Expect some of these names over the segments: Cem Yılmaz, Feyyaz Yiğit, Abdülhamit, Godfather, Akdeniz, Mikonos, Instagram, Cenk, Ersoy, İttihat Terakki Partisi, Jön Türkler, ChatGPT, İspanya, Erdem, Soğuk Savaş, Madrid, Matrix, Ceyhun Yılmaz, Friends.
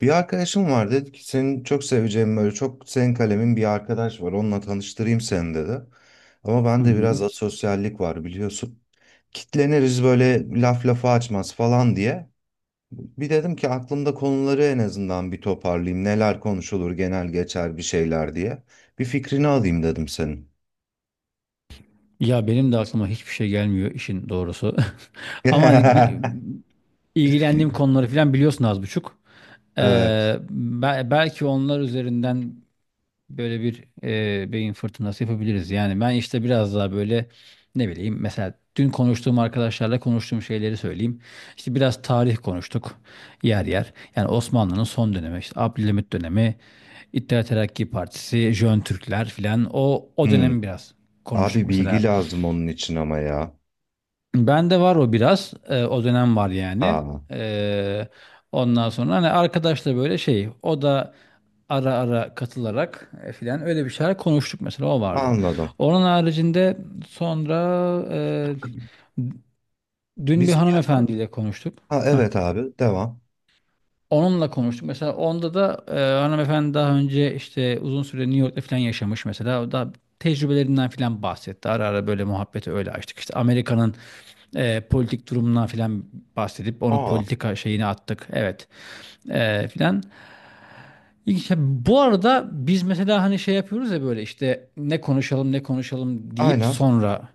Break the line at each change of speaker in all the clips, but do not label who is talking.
Bir arkadaşım var dedi ki senin çok seveceğin böyle çok senin kalemin bir arkadaş var onunla tanıştırayım seni dedi. Ama
Hı
bende
hı.
biraz asosyallik var biliyorsun. Kitleniriz böyle laf lafa açmaz falan diye. Bir dedim ki aklımda konuları en azından bir toparlayayım. Neler konuşulur genel geçer bir şeyler diye. Bir fikrini alayım dedim senin.
Ya benim de aklıma hiçbir şey gelmiyor işin doğrusu. Ama hani ilgilendiğim konuları falan biliyorsun az buçuk. Ee,
Evet.
belki onlar üzerinden böyle bir beyin fırtınası yapabiliriz. Yani ben işte biraz daha böyle ne bileyim, mesela dün konuştuğum arkadaşlarla konuştuğum şeyleri söyleyeyim. İşte biraz tarih konuştuk yer yer. Yani Osmanlı'nın son dönemi, işte Abdülhamit dönemi, İttihat Terakki Partisi, Jön Türkler filan o
Hmm.
dönemi biraz konuştuk
Abi bilgi
mesela.
lazım onun için ama ya.
Bende var o biraz. O dönem var yani.
Aa,
Ee, Ondan sonra hani arkadaşla böyle şey, o da ara ara katılarak filan öyle bir şeyler konuştuk, mesela o vardı.
anladım.
Onun haricinde sonra e, dün bir
Biz bir...
hanımefendiyle konuştuk.
Ha,
Heh.
evet abi devam.
Onunla konuştuk. Mesela onda da hanımefendi daha önce işte uzun süre New York'ta falan yaşamış mesela. O da tecrübelerinden falan bahsetti. Ara ara böyle muhabbeti öyle açtık. İşte Amerika'nın politik durumundan falan bahsedip onu
Aa.
politika şeyine attık. Evet, filan. İlginç. Ya, bu arada biz mesela hani şey yapıyoruz ya, böyle işte ne konuşalım, ne konuşalım deyip
Aynen,
sonra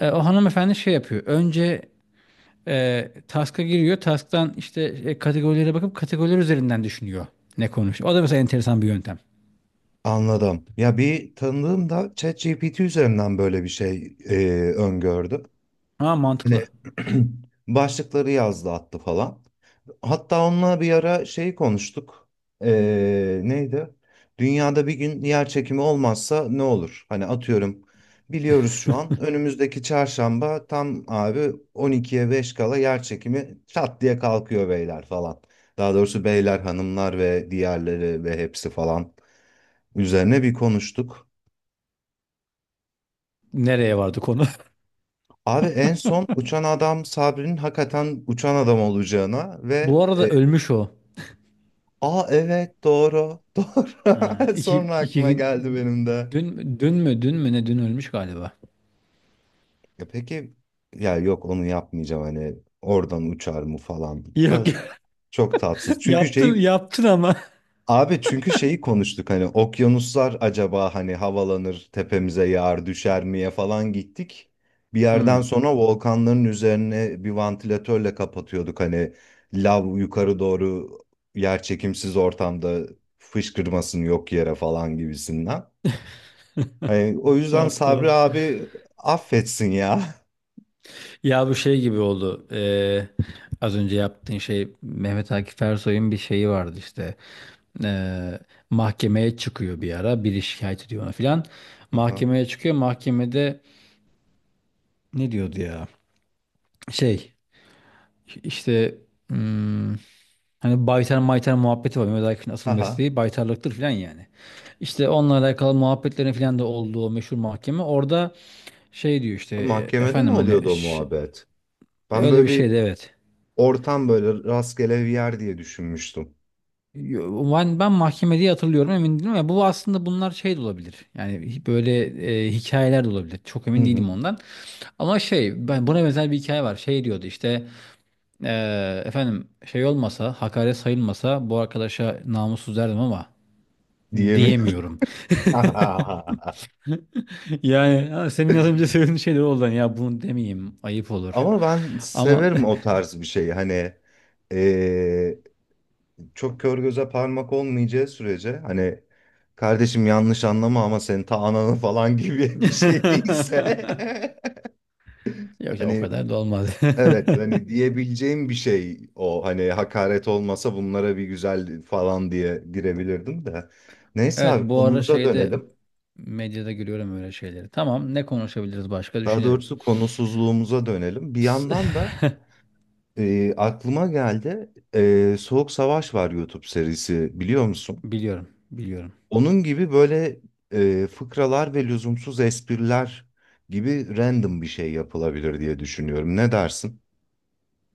o hanımefendi şey yapıyor. Önce task'a giriyor. Task'tan işte kategorilere bakıp kategoriler üzerinden düşünüyor ne konuş. O da mesela enteresan bir yöntem.
anladım. Ya bir tanıdığım da ChatGPT üzerinden böyle bir şey öngördü.
Ha,
Hani
mantıklı.
başlıkları yazdı attı falan. Hatta onunla bir ara şey konuştuk. E, neydi? Dünyada bir gün yer çekimi olmazsa ne olur? Hani atıyorum biliyoruz şu an önümüzdeki çarşamba tam abi 12'ye 5 kala yer çekimi çat diye kalkıyor beyler falan. Daha doğrusu beyler, hanımlar ve diğerleri ve hepsi falan. Üzerine bir konuştuk.
Nereye vardı konu?
Abi en son uçan adam Sabri'nin hakikaten uçan adam olacağına ve
Bu arada ölmüş o.
aa, evet, doğru. Doğru,
İki,
sonra
iki
aklıma
gün,
geldi benim de.
dün mü ne, dün ölmüş galiba.
Ya peki, ya yok, onu yapmayacağım. Hani oradan uçar mı falan
Yok.
da çok tatsız. Çünkü
Yaptın
şeyi...
yaptın ama.
Abi çünkü şeyi konuştuk, hani okyanuslar acaba hani havalanır tepemize yağar düşer miye falan gittik. Bir yerden
Hmm,
sonra volkanların üzerine bir vantilatörle kapatıyorduk, hani lav yukarı doğru yer çekimsiz ortamda fışkırmasın yok yere falan gibisinden. Hani o yüzden
tuhaf tuhaf.
Sabri abi affetsin ya.
Ya bu şey gibi oldu. Az önce yaptığın şey, Mehmet Akif Ersoy'un bir şeyi vardı işte. Ee, Mahkemeye çıkıyor bir ara. Biri şikayet ediyor ona filan.
Aha.
Mahkemeye çıkıyor. Mahkemede ne diyordu ya? Şey işte, hmm, hani baytar maytar muhabbeti var. Mehmet Akif'in asıl
Aha.
mesleği baytarlıktır filan yani. İşte onunla alakalı muhabbetlerin filan da olduğu o meşhur mahkeme. Orada şey diyor işte,
Mahkemede mi
efendim hani
oluyordu o muhabbet? Ben
öyle bir
böyle bir
şeydi, evet.
ortam, böyle rastgele bir yer diye düşünmüştüm.
Ben mahkemede hatırlıyorum, emin değilim ya, bu aslında bunlar şey de olabilir yani, böyle hikayeler de olabilir, çok
Hı
emin
hı.
değilim ondan. Ama şey, ben buna benzer bir hikaye var, şey diyordu işte, efendim, şey olmasa, hakaret sayılmasa bu arkadaşa namussuz derdim ama
Diyemiyorum.
diyemiyorum. Yani ha, senin az önce söylediğin şey de oldu. Hani ya, bunu demeyeyim, ayıp olur
Ama ben
ama.
severim o tarz bir şeyi. Hani eee, çok kör göze parmak olmayacağı sürece, hani kardeşim yanlış anlama ama senin ta ananı falan gibi bir şey değilse.
Yok ya, o
Hani
kadar da olmaz.
evet, hani diyebileceğim bir şey o, hani hakaret olmasa bunlara bir güzel falan diye girebilirdim de. Neyse
Evet,
abi,
bu ara
konumuza
şeyde,
dönelim.
medyada görüyorum öyle şeyleri. Tamam, ne konuşabiliriz, başka
Daha
düşünelim.
doğrusu konusuzluğumuza dönelim. Bir
S-
yandan da Aklıma geldi. Soğuk Savaş var YouTube serisi, biliyor musun?
Biliyorum, biliyorum.
Onun gibi böyle fıkralar ve lüzumsuz espriler gibi random bir şey yapılabilir diye düşünüyorum. Ne dersin?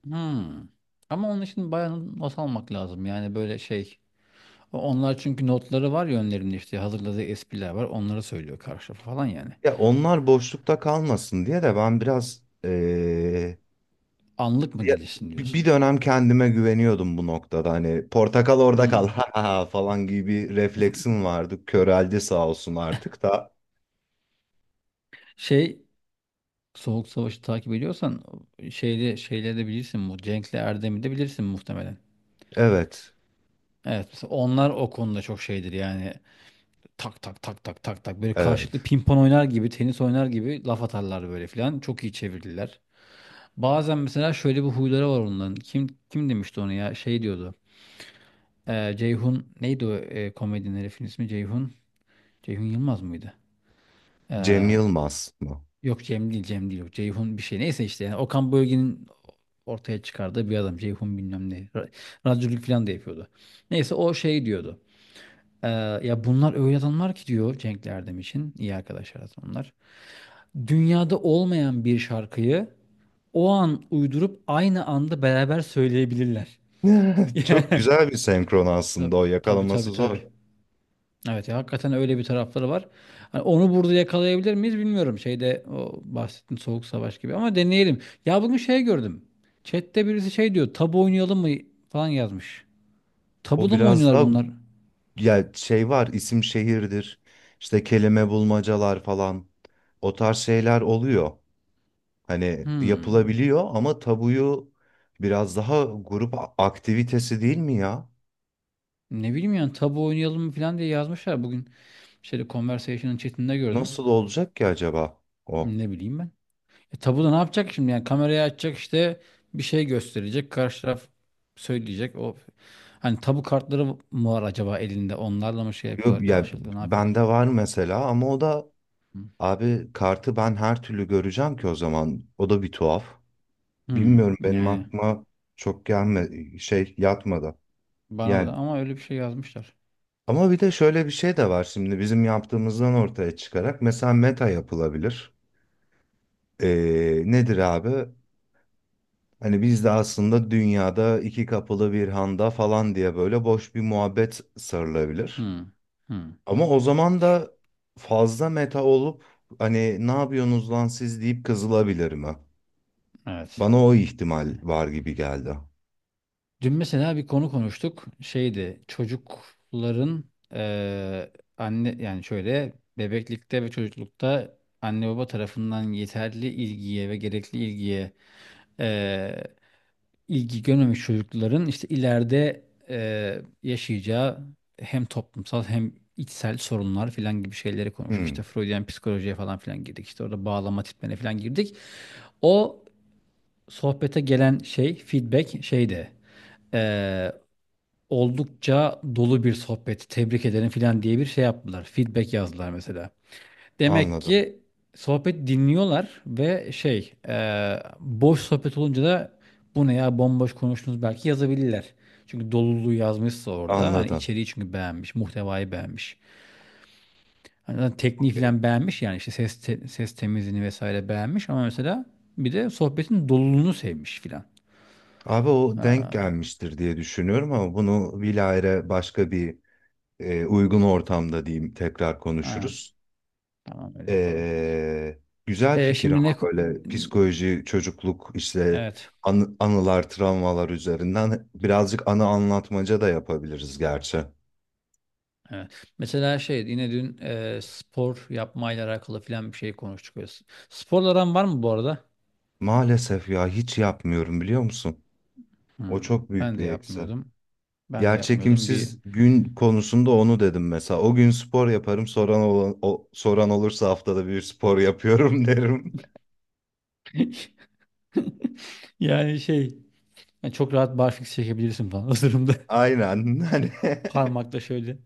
Hmm. Ama onun için bayağı not almak lazım. Yani böyle şey. Onlar çünkü notları var ya önlerinde, işte hazırladığı espriler var. Onları söylüyor karşı tarafa falan yani.
Ya onlar boşlukta kalmasın diye de ben biraz
Anlık mı
ya
gelişsin
bir
diyorsun.
dönem kendime güveniyordum bu noktada. Hani "portakal orada kal
Hmm.
ha ha ha" falan gibi bir refleksim vardı. Köreldi sağ olsun artık da.
Şey, Soğuk Savaş'ı takip ediyorsan şeyde şeyleri de bilirsin bu. Cenk'le Erdem'i de bilirsin muhtemelen.
Evet,
Evet, mesela onlar o konuda çok şeydir yani, tak tak tak tak tak tak böyle karşılıklı
evet.
pimpon oynar gibi, tenis oynar gibi laf atarlar böyle filan. Çok iyi çevirdiler. Bazen mesela şöyle bir huyları var onların. Kim kim demişti onu ya? Şey diyordu. Ceyhun, neydi o komedinin herifin ismi? Ceyhun. Ceyhun Yılmaz mıydı?
Cem
Ee,
Yılmaz mı?
yok, Cem değil, Cem değil, yok. Ceyhun bir şey. Neyse işte, yani Okan Bölge'nin ortaya çıkardığı bir adam. Ceyhun bilmem ne. Radyoculuk filan da yapıyordu. Neyse, o şey diyordu. Ee, ya bunlar öyle adamlar ki, diyor Cenk Erdem için, iyi arkadaşlar aslında onlar. Dünyada olmayan bir şarkıyı o an uydurup aynı anda beraber söyleyebilirler.
Çok güzel bir senkron aslında,
Tabii,
o
tabii
yakalaması
tabii.
zor.
Tabii. Evet ya, hakikaten öyle bir tarafları var. Hani onu burada yakalayabilir miyiz bilmiyorum. Şeyde, o bahsettiğin Soğuk Savaş gibi, ama deneyelim. Ya bugün şey gördüm. Chat'te birisi şey diyor. Tabu oynayalım mı falan yazmış.
O
Tabu da mı
biraz
oynuyorlar
daha,
bunlar?
ya şey var, isim şehirdir. İşte kelime bulmacalar falan. O tarz şeyler oluyor. Hani
Hmm.
yapılabiliyor ama tabuyu biraz daha grup aktivitesi, değil mi ya?
Ne bileyim, yani tabu oynayalım mı falan diye yazmışlar bugün. Şeyde, Conversation'ın chat'inde gördüm.
Nasıl olacak ki acaba o?
Ne bileyim ben. E, tabuda ne yapacak şimdi? Yani kamerayı açacak, işte bir şey gösterecek. Karşı taraf söyleyecek. O, hani tabu kartları mı var acaba elinde? Onlarla mı şey
Yok
yapıyorlar
ya,
karşılıklı? Ne yapıyorlar?
bende var mesela ama o da,
Hı.
abi kartı ben her türlü göreceğim ki o zaman. O da bir tuhaf.
Hmm,
Bilmiyorum, benim
yani
aklıma çok gelme, şey, yatmadı.
bana da,
Yani
ama öyle bir şey yazmışlar.
ama bir de şöyle bir şey de var, şimdi bizim yaptığımızdan ortaya çıkarak mesela meta yapılabilir. Nedir abi? Hani biz de aslında "dünyada iki kapılı bir handa" falan diye böyle boş bir muhabbet sarılabilir.
Hmm, hmm,
Ama o zaman da fazla meta olup hani "ne yapıyorsunuz lan siz" deyip kızılabilir mi?
evet.
Bana o ihtimal var gibi geldi.
Dün mesela bir konu konuştuk. Şeydi, çocukların, eee, anne, yani şöyle, bebeklikte ve çocuklukta anne baba tarafından yeterli ilgiye ve gerekli ilgiye e, ilgi görmemiş çocukların işte ileride yaşayacağı hem toplumsal hem içsel sorunlar filan gibi şeyleri konuştuk.
Hmm,
İşte Freudian psikolojiye falan filan girdik. İşte orada bağlama tiplerine filan girdik. O sohbete gelen şey, feedback şeydi. e, Oldukça dolu bir sohbet, tebrik ederim filan diye bir şey yaptılar. Feedback yazdılar mesela. Demek
anladım.
ki sohbet dinliyorlar, ve şey boş sohbet olunca da bu ne ya, bomboş konuştunuz belki yazabilirler. Çünkü doluluğu yazmışsa orada, hani
Anladım.
içeriği çünkü beğenmiş, muhtevayı beğenmiş. Hani zaten tekniği falan beğenmiş yani, işte ses temizliğini vesaire beğenmiş, ama mesela bir de sohbetin doluluğunu sevmiş filan.
Abi o denk
Aa,
gelmiştir diye düşünüyorum ama bunu bilahare başka bir uygun ortamda diyeyim, tekrar
aynen.
konuşuruz.
Tamam, öyle yapalım.
E, güzel
E,
fikir
şimdi
ama böyle psikoloji, çocukluk, işte
evet.
anılar, travmalar üzerinden birazcık anı anlatmaca da yapabiliriz gerçi.
Evet. Mesela şey, yine dün spor yapmayla alakalı filan bir şey konuştuk. Böyle, sporla aran var mı bu arada?
Maalesef ya, hiç yapmıyorum, biliyor musun? O
Hmm,
çok büyük
ben de
bir eksi.
yapmıyordum. Ben de yapmıyordum. Bir
Yerçekimsiz gün konusunda onu dedim mesela. O gün spor yaparım. Soran olursa haftada bir spor yapıyorum derim.
yani şey, yani çok rahat barfiks çekebilirsin falan o durumda.
Aynen. Hani
Parmakla şöyle.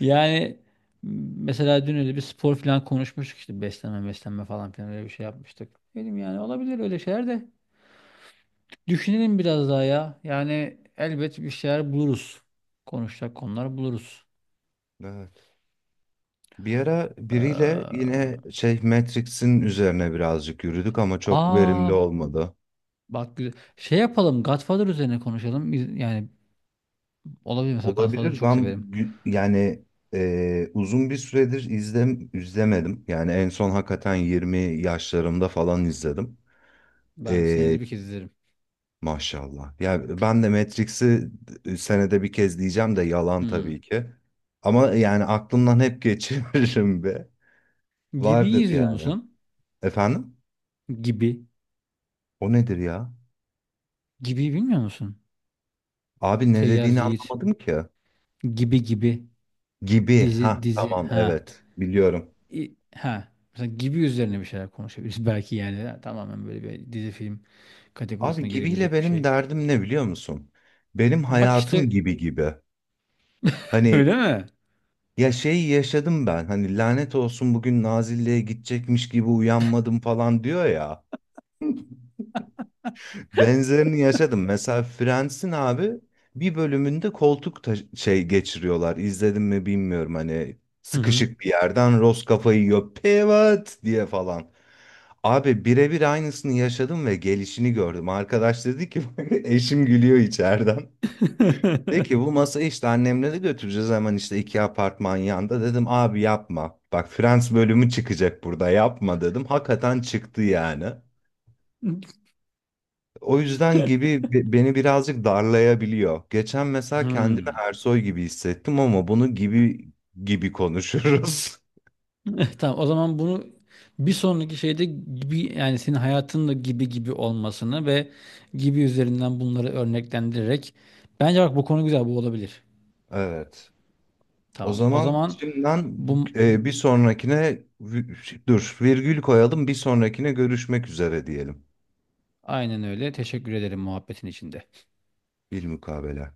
Yani mesela dün öyle bir spor filan konuşmuştuk, işte beslenme, falan filan öyle bir şey yapmıştık. Dedim, yani olabilir öyle şeyler de. Düşünelim biraz daha ya. Yani elbet bir şeyler buluruz. Konuşacak konular buluruz.
evet. Bir ara biriyle
Ee,
yine şey Matrix'in üzerine birazcık yürüdük ama çok
aa,
verimli olmadı.
bak güzel. Şey yapalım, Godfather üzerine konuşalım. Yani olabilir, mesela Godfather'ı
Olabilir.
çok
Ben
severim.
yani uzun bir süredir izlemedim. Yani en son hakikaten 20 yaşlarımda falan izledim.
Ben
E,
senede bir kez izlerim.
maşallah. Ya ben de Matrix'i senede bir kez diyeceğim de yalan
Hmm.
tabii ki. Ama yani aklımdan hep geçiririm be.
Gibi'yi
Vardır
izliyor
yani.
musun?
Efendim?
Gibi.
O nedir ya?
Gibi bilmiyor musun?
Abi ne
Feyyaz
dediğini
Yiğit.
anlamadım ki.
Gibi gibi.
Gibi. Ha,
Dizi dizi.
tamam,
Ha.
evet. Biliyorum.
Ha. Mesela Gibi üzerine bir şeyler konuşabiliriz belki yani. Ha, tamamen böyle bir dizi film
Abi
kategorisine
gibiyle
girebilecek bir
benim
şey.
derdim ne, biliyor musun? Benim
Bak
hayatım
işte.
gibi gibi. Hani
Öyle mi?
ya şey, yaşadım ben. Hani "lanet olsun, bugün Nazilli'ye gidecekmiş gibi uyanmadım" falan diyor ya. Benzerini yaşadım. Mesela Friends'in abi bir bölümünde koltuk şey geçiriyorlar. İzledim mi bilmiyorum, hani
Hı hı.
sıkışık bir yerden Ross kafayı yiyor "pivot" diye falan. Abi birebir aynısını yaşadım ve gelişini gördüm. Arkadaş dedi ki eşim gülüyor içeriden. Dedi ki bu masayı işte annemle de götüreceğiz hemen, işte iki apartman yanda. Dedim abi yapma. Bak, Friends bölümü çıkacak burada, yapma dedim. Hakikaten çıktı yani. O yüzden Gibi beni birazcık darlayabiliyor. Geçen mesela kendimi
Hmm.
Ersoy gibi hissettim ama bunu Gibi gibi konuşuruz.
Tamam, o zaman bunu bir sonraki şeyde gibi, yani senin hayatınla gibi gibi olmasını ve gibi üzerinden bunları örneklendirerek, bence bak bu konu güzel, bu olabilir.
Evet. O
Tamam. O
zaman
zaman
şimdiden
bu
bir sonrakine dur, virgül koyalım, bir sonrakine görüşmek üzere diyelim.
aynen öyle. Teşekkür ederim muhabbetin içinde.
Bilmukabele.